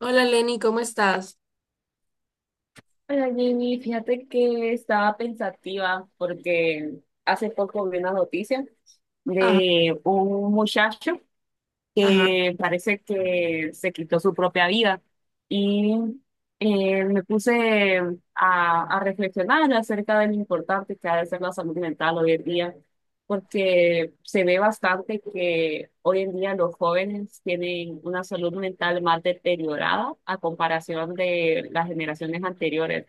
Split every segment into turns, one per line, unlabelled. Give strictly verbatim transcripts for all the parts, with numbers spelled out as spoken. Hola Lenny, ¿cómo estás?
Hola, Jamie, fíjate que estaba pensativa porque hace poco vi una noticia
Ajá,
de un muchacho
ajá.
que parece que se quitó su propia vida. Y eh, me puse a, a reflexionar acerca de lo importante que ha de ser la salud mental hoy en día, porque se ve bastante que hoy en día los jóvenes tienen una salud mental más deteriorada a comparación de las generaciones anteriores,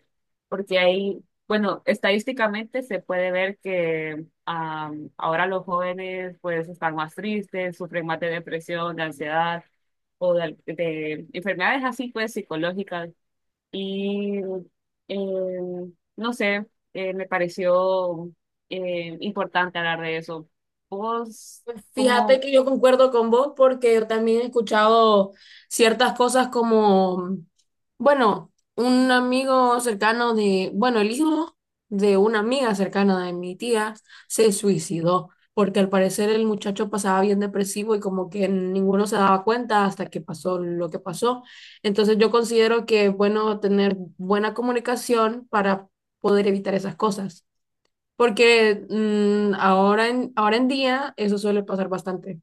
porque hay, bueno, estadísticamente se puede ver que Am, ahora los jóvenes pues están más tristes, sufren más de depresión, de ansiedad o de, de enfermedades así pues psicológicas. Y em, no sé, eh, me pareció em, importante hablar de eso. ¿Vos
Fíjate
cómo,
que yo concuerdo con vos porque yo también he escuchado ciertas cosas como, bueno, un amigo cercano de, bueno, el hijo de una amiga cercana de mi tía se suicidó porque al parecer el muchacho pasaba bien depresivo y como que ninguno se daba cuenta hasta que pasó lo que pasó. Entonces yo considero que es bueno tener buena comunicación para poder evitar esas cosas. Porque mm, ahora en, ahora en día eso suele pasar bastante.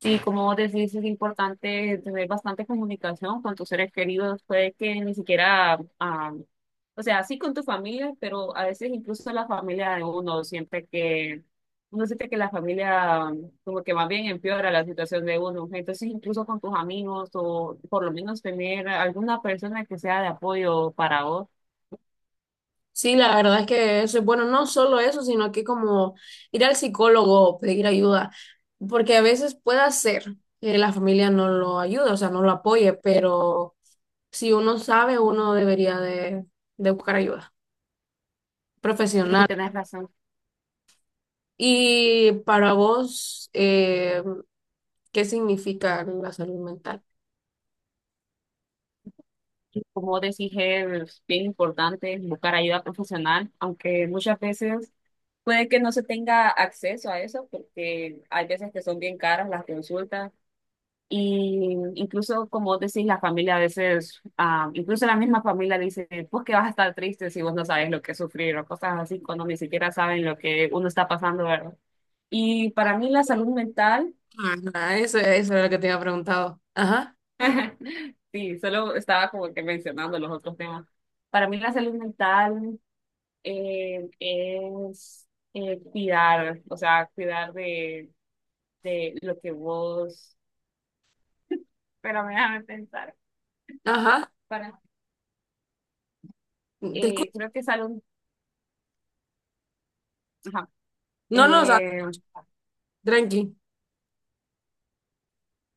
Y como vos decís, es importante tener bastante comunicación con tus seres queridos. Puede que ni siquiera, ah, o sea, sí con tu familia, pero a veces incluso la familia de uno siente que, uno siente que la familia ah, como que más bien empeora la situación de uno. Entonces, incluso con tus amigos o por lo menos tener alguna persona que sea de apoyo para vos.
Sí, la verdad es que eso es bueno, no solo eso, sino que como ir al psicólogo, pedir ayuda, porque a veces puede ser que la familia no lo ayude, o sea, no lo apoye, pero si uno sabe, uno debería de, de buscar ayuda
Y
profesional.
tenés razón,
Y para vos, eh, ¿qué significa la salud mental?
como vos decís, es bien importante buscar ayuda profesional, aunque muchas veces puede que no se tenga acceso a eso porque hay veces que son bien caras las consultas y incluso como vos decís la familia a veces, ah, incluso la misma familia dice, pues que vas a estar triste si vos no sabes lo que es sufrir o cosas así cuando ni siquiera saben lo que uno está pasando, ¿verdad? Y para mí la salud mental,
Ajá, eso, eso era lo que te había preguntado. Ajá,
sí, solo estaba como que mencionando los otros temas. Para mí la salud mental eh, es eh, cuidar, o sea, cuidar de de lo que vos, pero déjame pensar.
ajá,
Para, eh,
disculpa.
creo que salud, ajá,
No, no, o sea,
eh,
tranqui.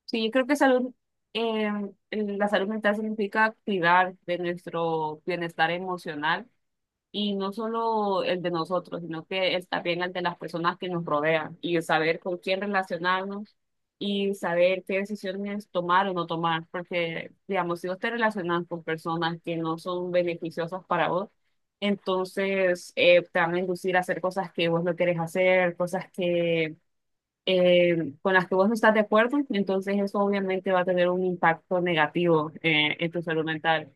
sí, yo creo que salud, eh, la salud mental significa activar de nuestro bienestar emocional. Y no solo el de nosotros, sino que es también el de las personas que nos rodean y saber con quién relacionarnos y saber qué decisiones tomar o no tomar. Porque, digamos, si vos te relacionas con personas que no son beneficiosas para vos, entonces eh, te van a inducir a hacer cosas que vos no querés hacer, cosas que eh, con las que vos no estás de acuerdo. Entonces eso obviamente va a tener un impacto negativo eh, en tu salud mental.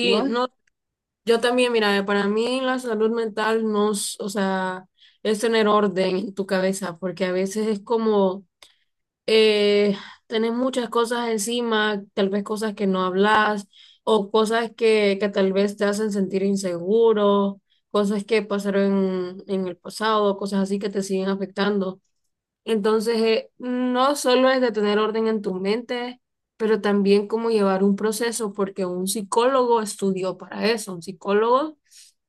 ¿Y vos
no, yo también, mira, para mí la salud mental no, es- o sea, es tener orden en tu cabeza, porque a veces es como eh, tenés muchas cosas encima, tal vez cosas que no hablas, o cosas que, que tal vez te hacen sentir inseguro, cosas que pasaron en, en el pasado, cosas así que te siguen afectando. Entonces, eh, no solo es de tener orden en tu mente, pero también cómo llevar un proceso, porque un psicólogo estudió para eso, un psicólogo,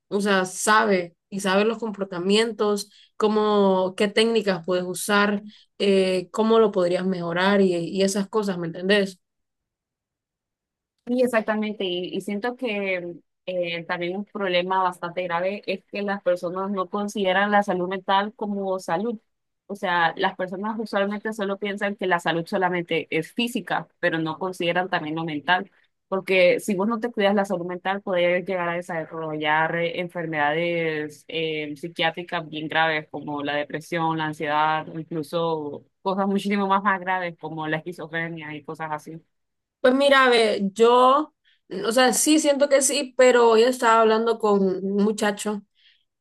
o sea, sabe y sabe los comportamientos, cómo, qué técnicas puedes usar, eh, cómo lo podrías mejorar y, y esas cosas, ¿me entendés?
Sí, exactamente, y, y siento que eh, también un problema bastante grave es que las personas no consideran la salud mental como salud. O sea, las personas usualmente solo piensan que la salud solamente es física, pero no consideran también lo mental, porque si vos no te cuidas la salud mental, puedes llegar a desarrollar eh, enfermedades eh, psiquiátricas bien graves como la depresión, la ansiedad, incluso cosas muchísimo más, más graves como la esquizofrenia y cosas así.
Pues mira, ve, yo, o sea, sí siento que sí, pero yo estaba hablando con un muchacho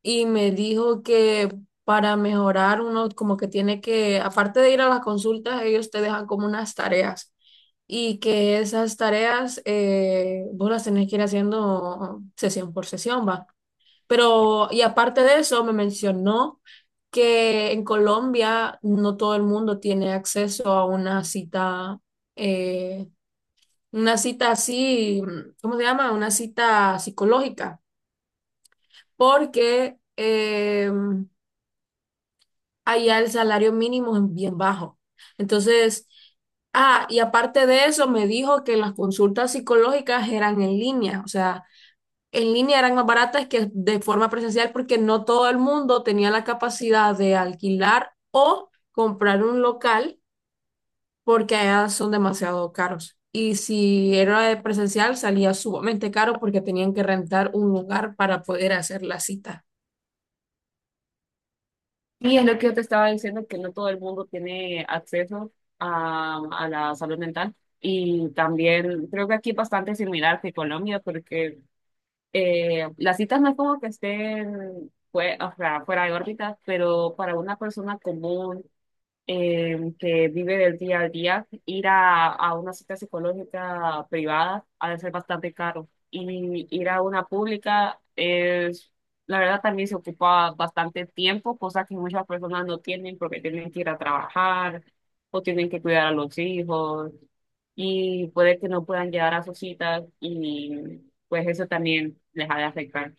y me dijo que para mejorar uno como que tiene que, aparte de ir a las consultas, ellos te dejan como unas tareas y que esas tareas eh, vos las tenés que ir haciendo sesión por sesión, va. Pero, y aparte de eso, me mencionó que en Colombia no todo el mundo tiene acceso a una cita, eh, una cita así, ¿cómo se llama? Una cita psicológica, porque em, allá el salario mínimo es bien bajo. Entonces, ah, y aparte de eso, me dijo que las consultas psicológicas eran en línea, o sea, en línea eran más baratas que de forma presencial porque no todo el mundo tenía la capacidad de alquilar o comprar un local porque allá son demasiado caros. Y si era de presencial, salía sumamente caro porque tenían que rentar un lugar para poder hacer la cita.
Sí, es lo que yo te estaba diciendo, que no todo el mundo tiene acceso a, a la salud mental. Y también creo que aquí es bastante similar que Colombia, porque eh, las citas no es como que estén fue, o sea, fuera de órbita, pero para una persona común eh, que vive del día al día, ir a, a una cita psicológica privada ha de ser bastante caro. Y ir a una pública es, la verdad, también se ocupa bastante tiempo, cosa que muchas personas no tienen porque tienen que ir a trabajar o tienen que cuidar a los hijos y puede que no puedan llegar a sus citas y pues eso también les ha de afectar.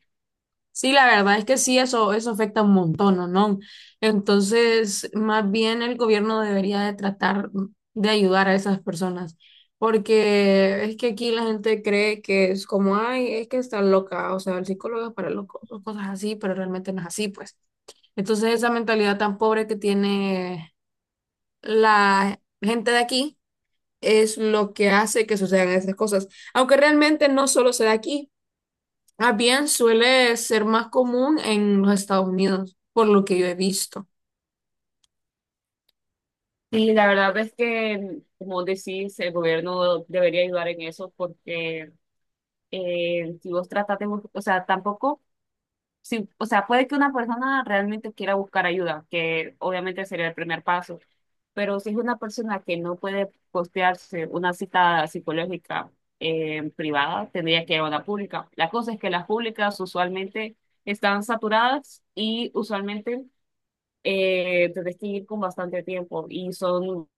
Sí, la verdad es que sí, eso, eso afecta un montón, ¿no? ¿No? Entonces, más bien el gobierno debería de tratar de ayudar a esas personas, porque es que aquí la gente cree que es como, ay, es que está loca, o sea, el psicólogo es para locos, o cosas así, pero realmente no es así, pues. Entonces, esa mentalidad tan pobre que tiene la gente de aquí es lo que hace que sucedan esas cosas, aunque realmente no solo se da aquí. Ah, bien suele ser más común en los Estados Unidos, por lo que yo he visto.
Y la verdad es que, como decís, el gobierno debería ayudar en eso porque eh, si vos tratas de buscar, o sea, tampoco, si, o sea, puede que una persona realmente quiera buscar ayuda, que obviamente sería el primer paso, pero si es una persona que no puede costearse una cita psicológica eh, privada, tendría que ir a una pública. La cosa es que las públicas usualmente están saturadas y usualmente eh, tenés que ir con bastante tiempo y son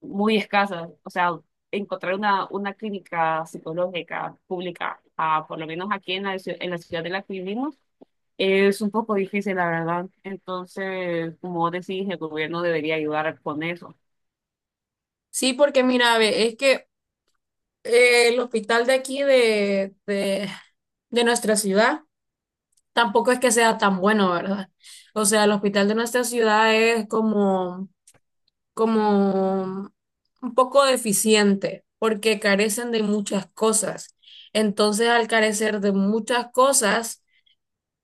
muy escasas. O sea, encontrar una, una clínica psicológica pública, ah, por lo menos aquí en la, ciu- en la ciudad de la que vivimos, es un poco difícil, la verdad. Entonces, como vos decís, el gobierno debería ayudar con eso.
Sí, porque mira, ve, es que eh, el hospital de aquí de, de, de nuestra ciudad tampoco es que sea tan bueno, ¿verdad? O sea, el hospital de nuestra ciudad es como, como un poco deficiente, porque carecen de muchas cosas. Entonces, al carecer de muchas cosas,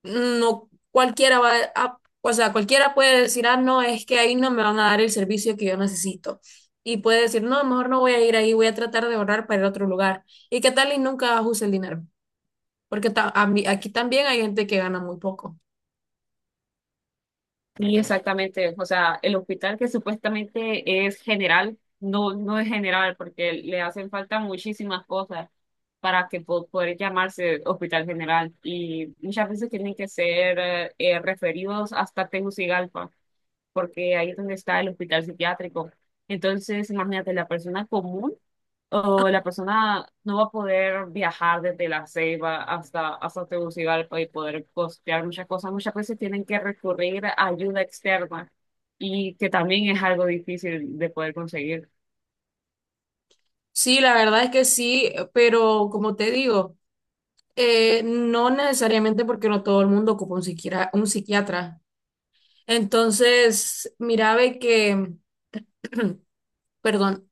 no cualquiera va a, o sea, cualquiera puede decir, ah, no, es que ahí no me van a dar el servicio que yo necesito. Y puede decir, no, mejor no voy a ir ahí, voy a tratar de ahorrar para ir a otro lugar. ¿Y qué tal y nunca use el dinero? Porque ta- a mí- aquí también hay gente que gana muy poco.
Y exactamente, o sea, el hospital que supuestamente es general, no, no es general porque le hacen falta muchísimas cosas para que po- poder llamarse hospital general y muchas veces tienen que ser eh, eh, referidos hasta Tegucigalpa porque ahí es donde está el hospital psiquiátrico. Entonces, imagínate, la persona común o la persona no va a poder viajar desde La Ceiba hasta, hasta Tegucigalpa y poder costear muchas cosas. Muchas veces tienen que recurrir a ayuda externa y que también es algo difícil de poder conseguir.
Sí, la verdad es que sí, pero como te digo, eh, no necesariamente porque no todo el mundo ocupa un psiquiatra, un psiquiatra. Entonces, mira, ve que, perdón,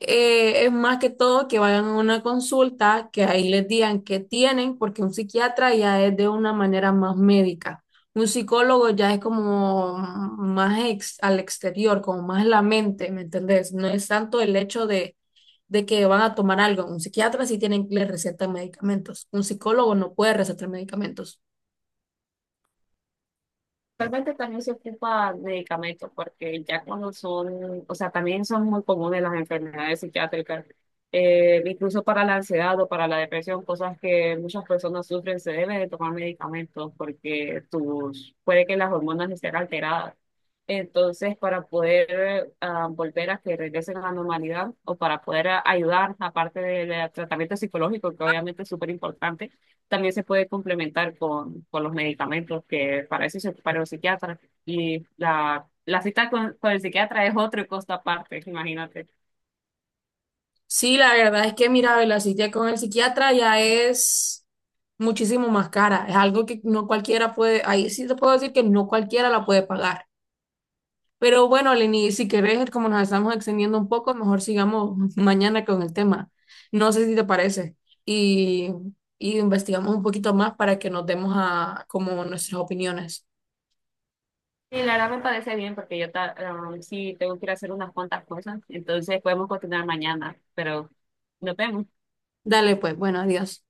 eh, es más que todo que vayan a una consulta, que ahí les digan qué tienen, porque un psiquiatra ya es de una manera más médica. Un psicólogo ya es como más ex- al exterior, como más la mente, ¿me entendés? No es tanto el hecho de, de que van a tomar algo. Un psiquiatra sí tienen, le recetan medicamentos. Un psicólogo no puede recetar medicamentos.
Realmente también se ocupa de medicamentos porque ya cuando son, o sea, también son muy comunes las enfermedades psiquiátricas, eh, incluso para la ansiedad o para la depresión, cosas que muchas personas sufren, se debe de tomar medicamentos porque tus, puede que las hormonas estén alteradas. Entonces, para poder ah, volver a que regresen a la normalidad o para poder ah, ayudar, aparte del eh, tratamiento psicológico, que obviamente es súper importante, también se puede complementar con, con los medicamentos, que para eso se prepara el psiquiatra. Y la, la cita con, con el psiquiatra es otro costo aparte, imagínate.
Sí, la verdad es que, mira, la cita con el psiquiatra ya es muchísimo más cara. Es algo que no cualquiera puede, ahí sí te puedo decir que no cualquiera la puede pagar. Pero bueno, Lenny, si querés, como nos estamos extendiendo un poco, mejor sigamos mañana con el tema. No sé si te parece. Y, y investigamos un poquito más para que nos demos a como nuestras opiniones.
Sí, la verdad me parece bien porque yo ta- um, sí tengo que ir a hacer unas cuantas cosas, entonces podemos continuar mañana, pero nos vemos.
Dale, pues, bueno, adiós.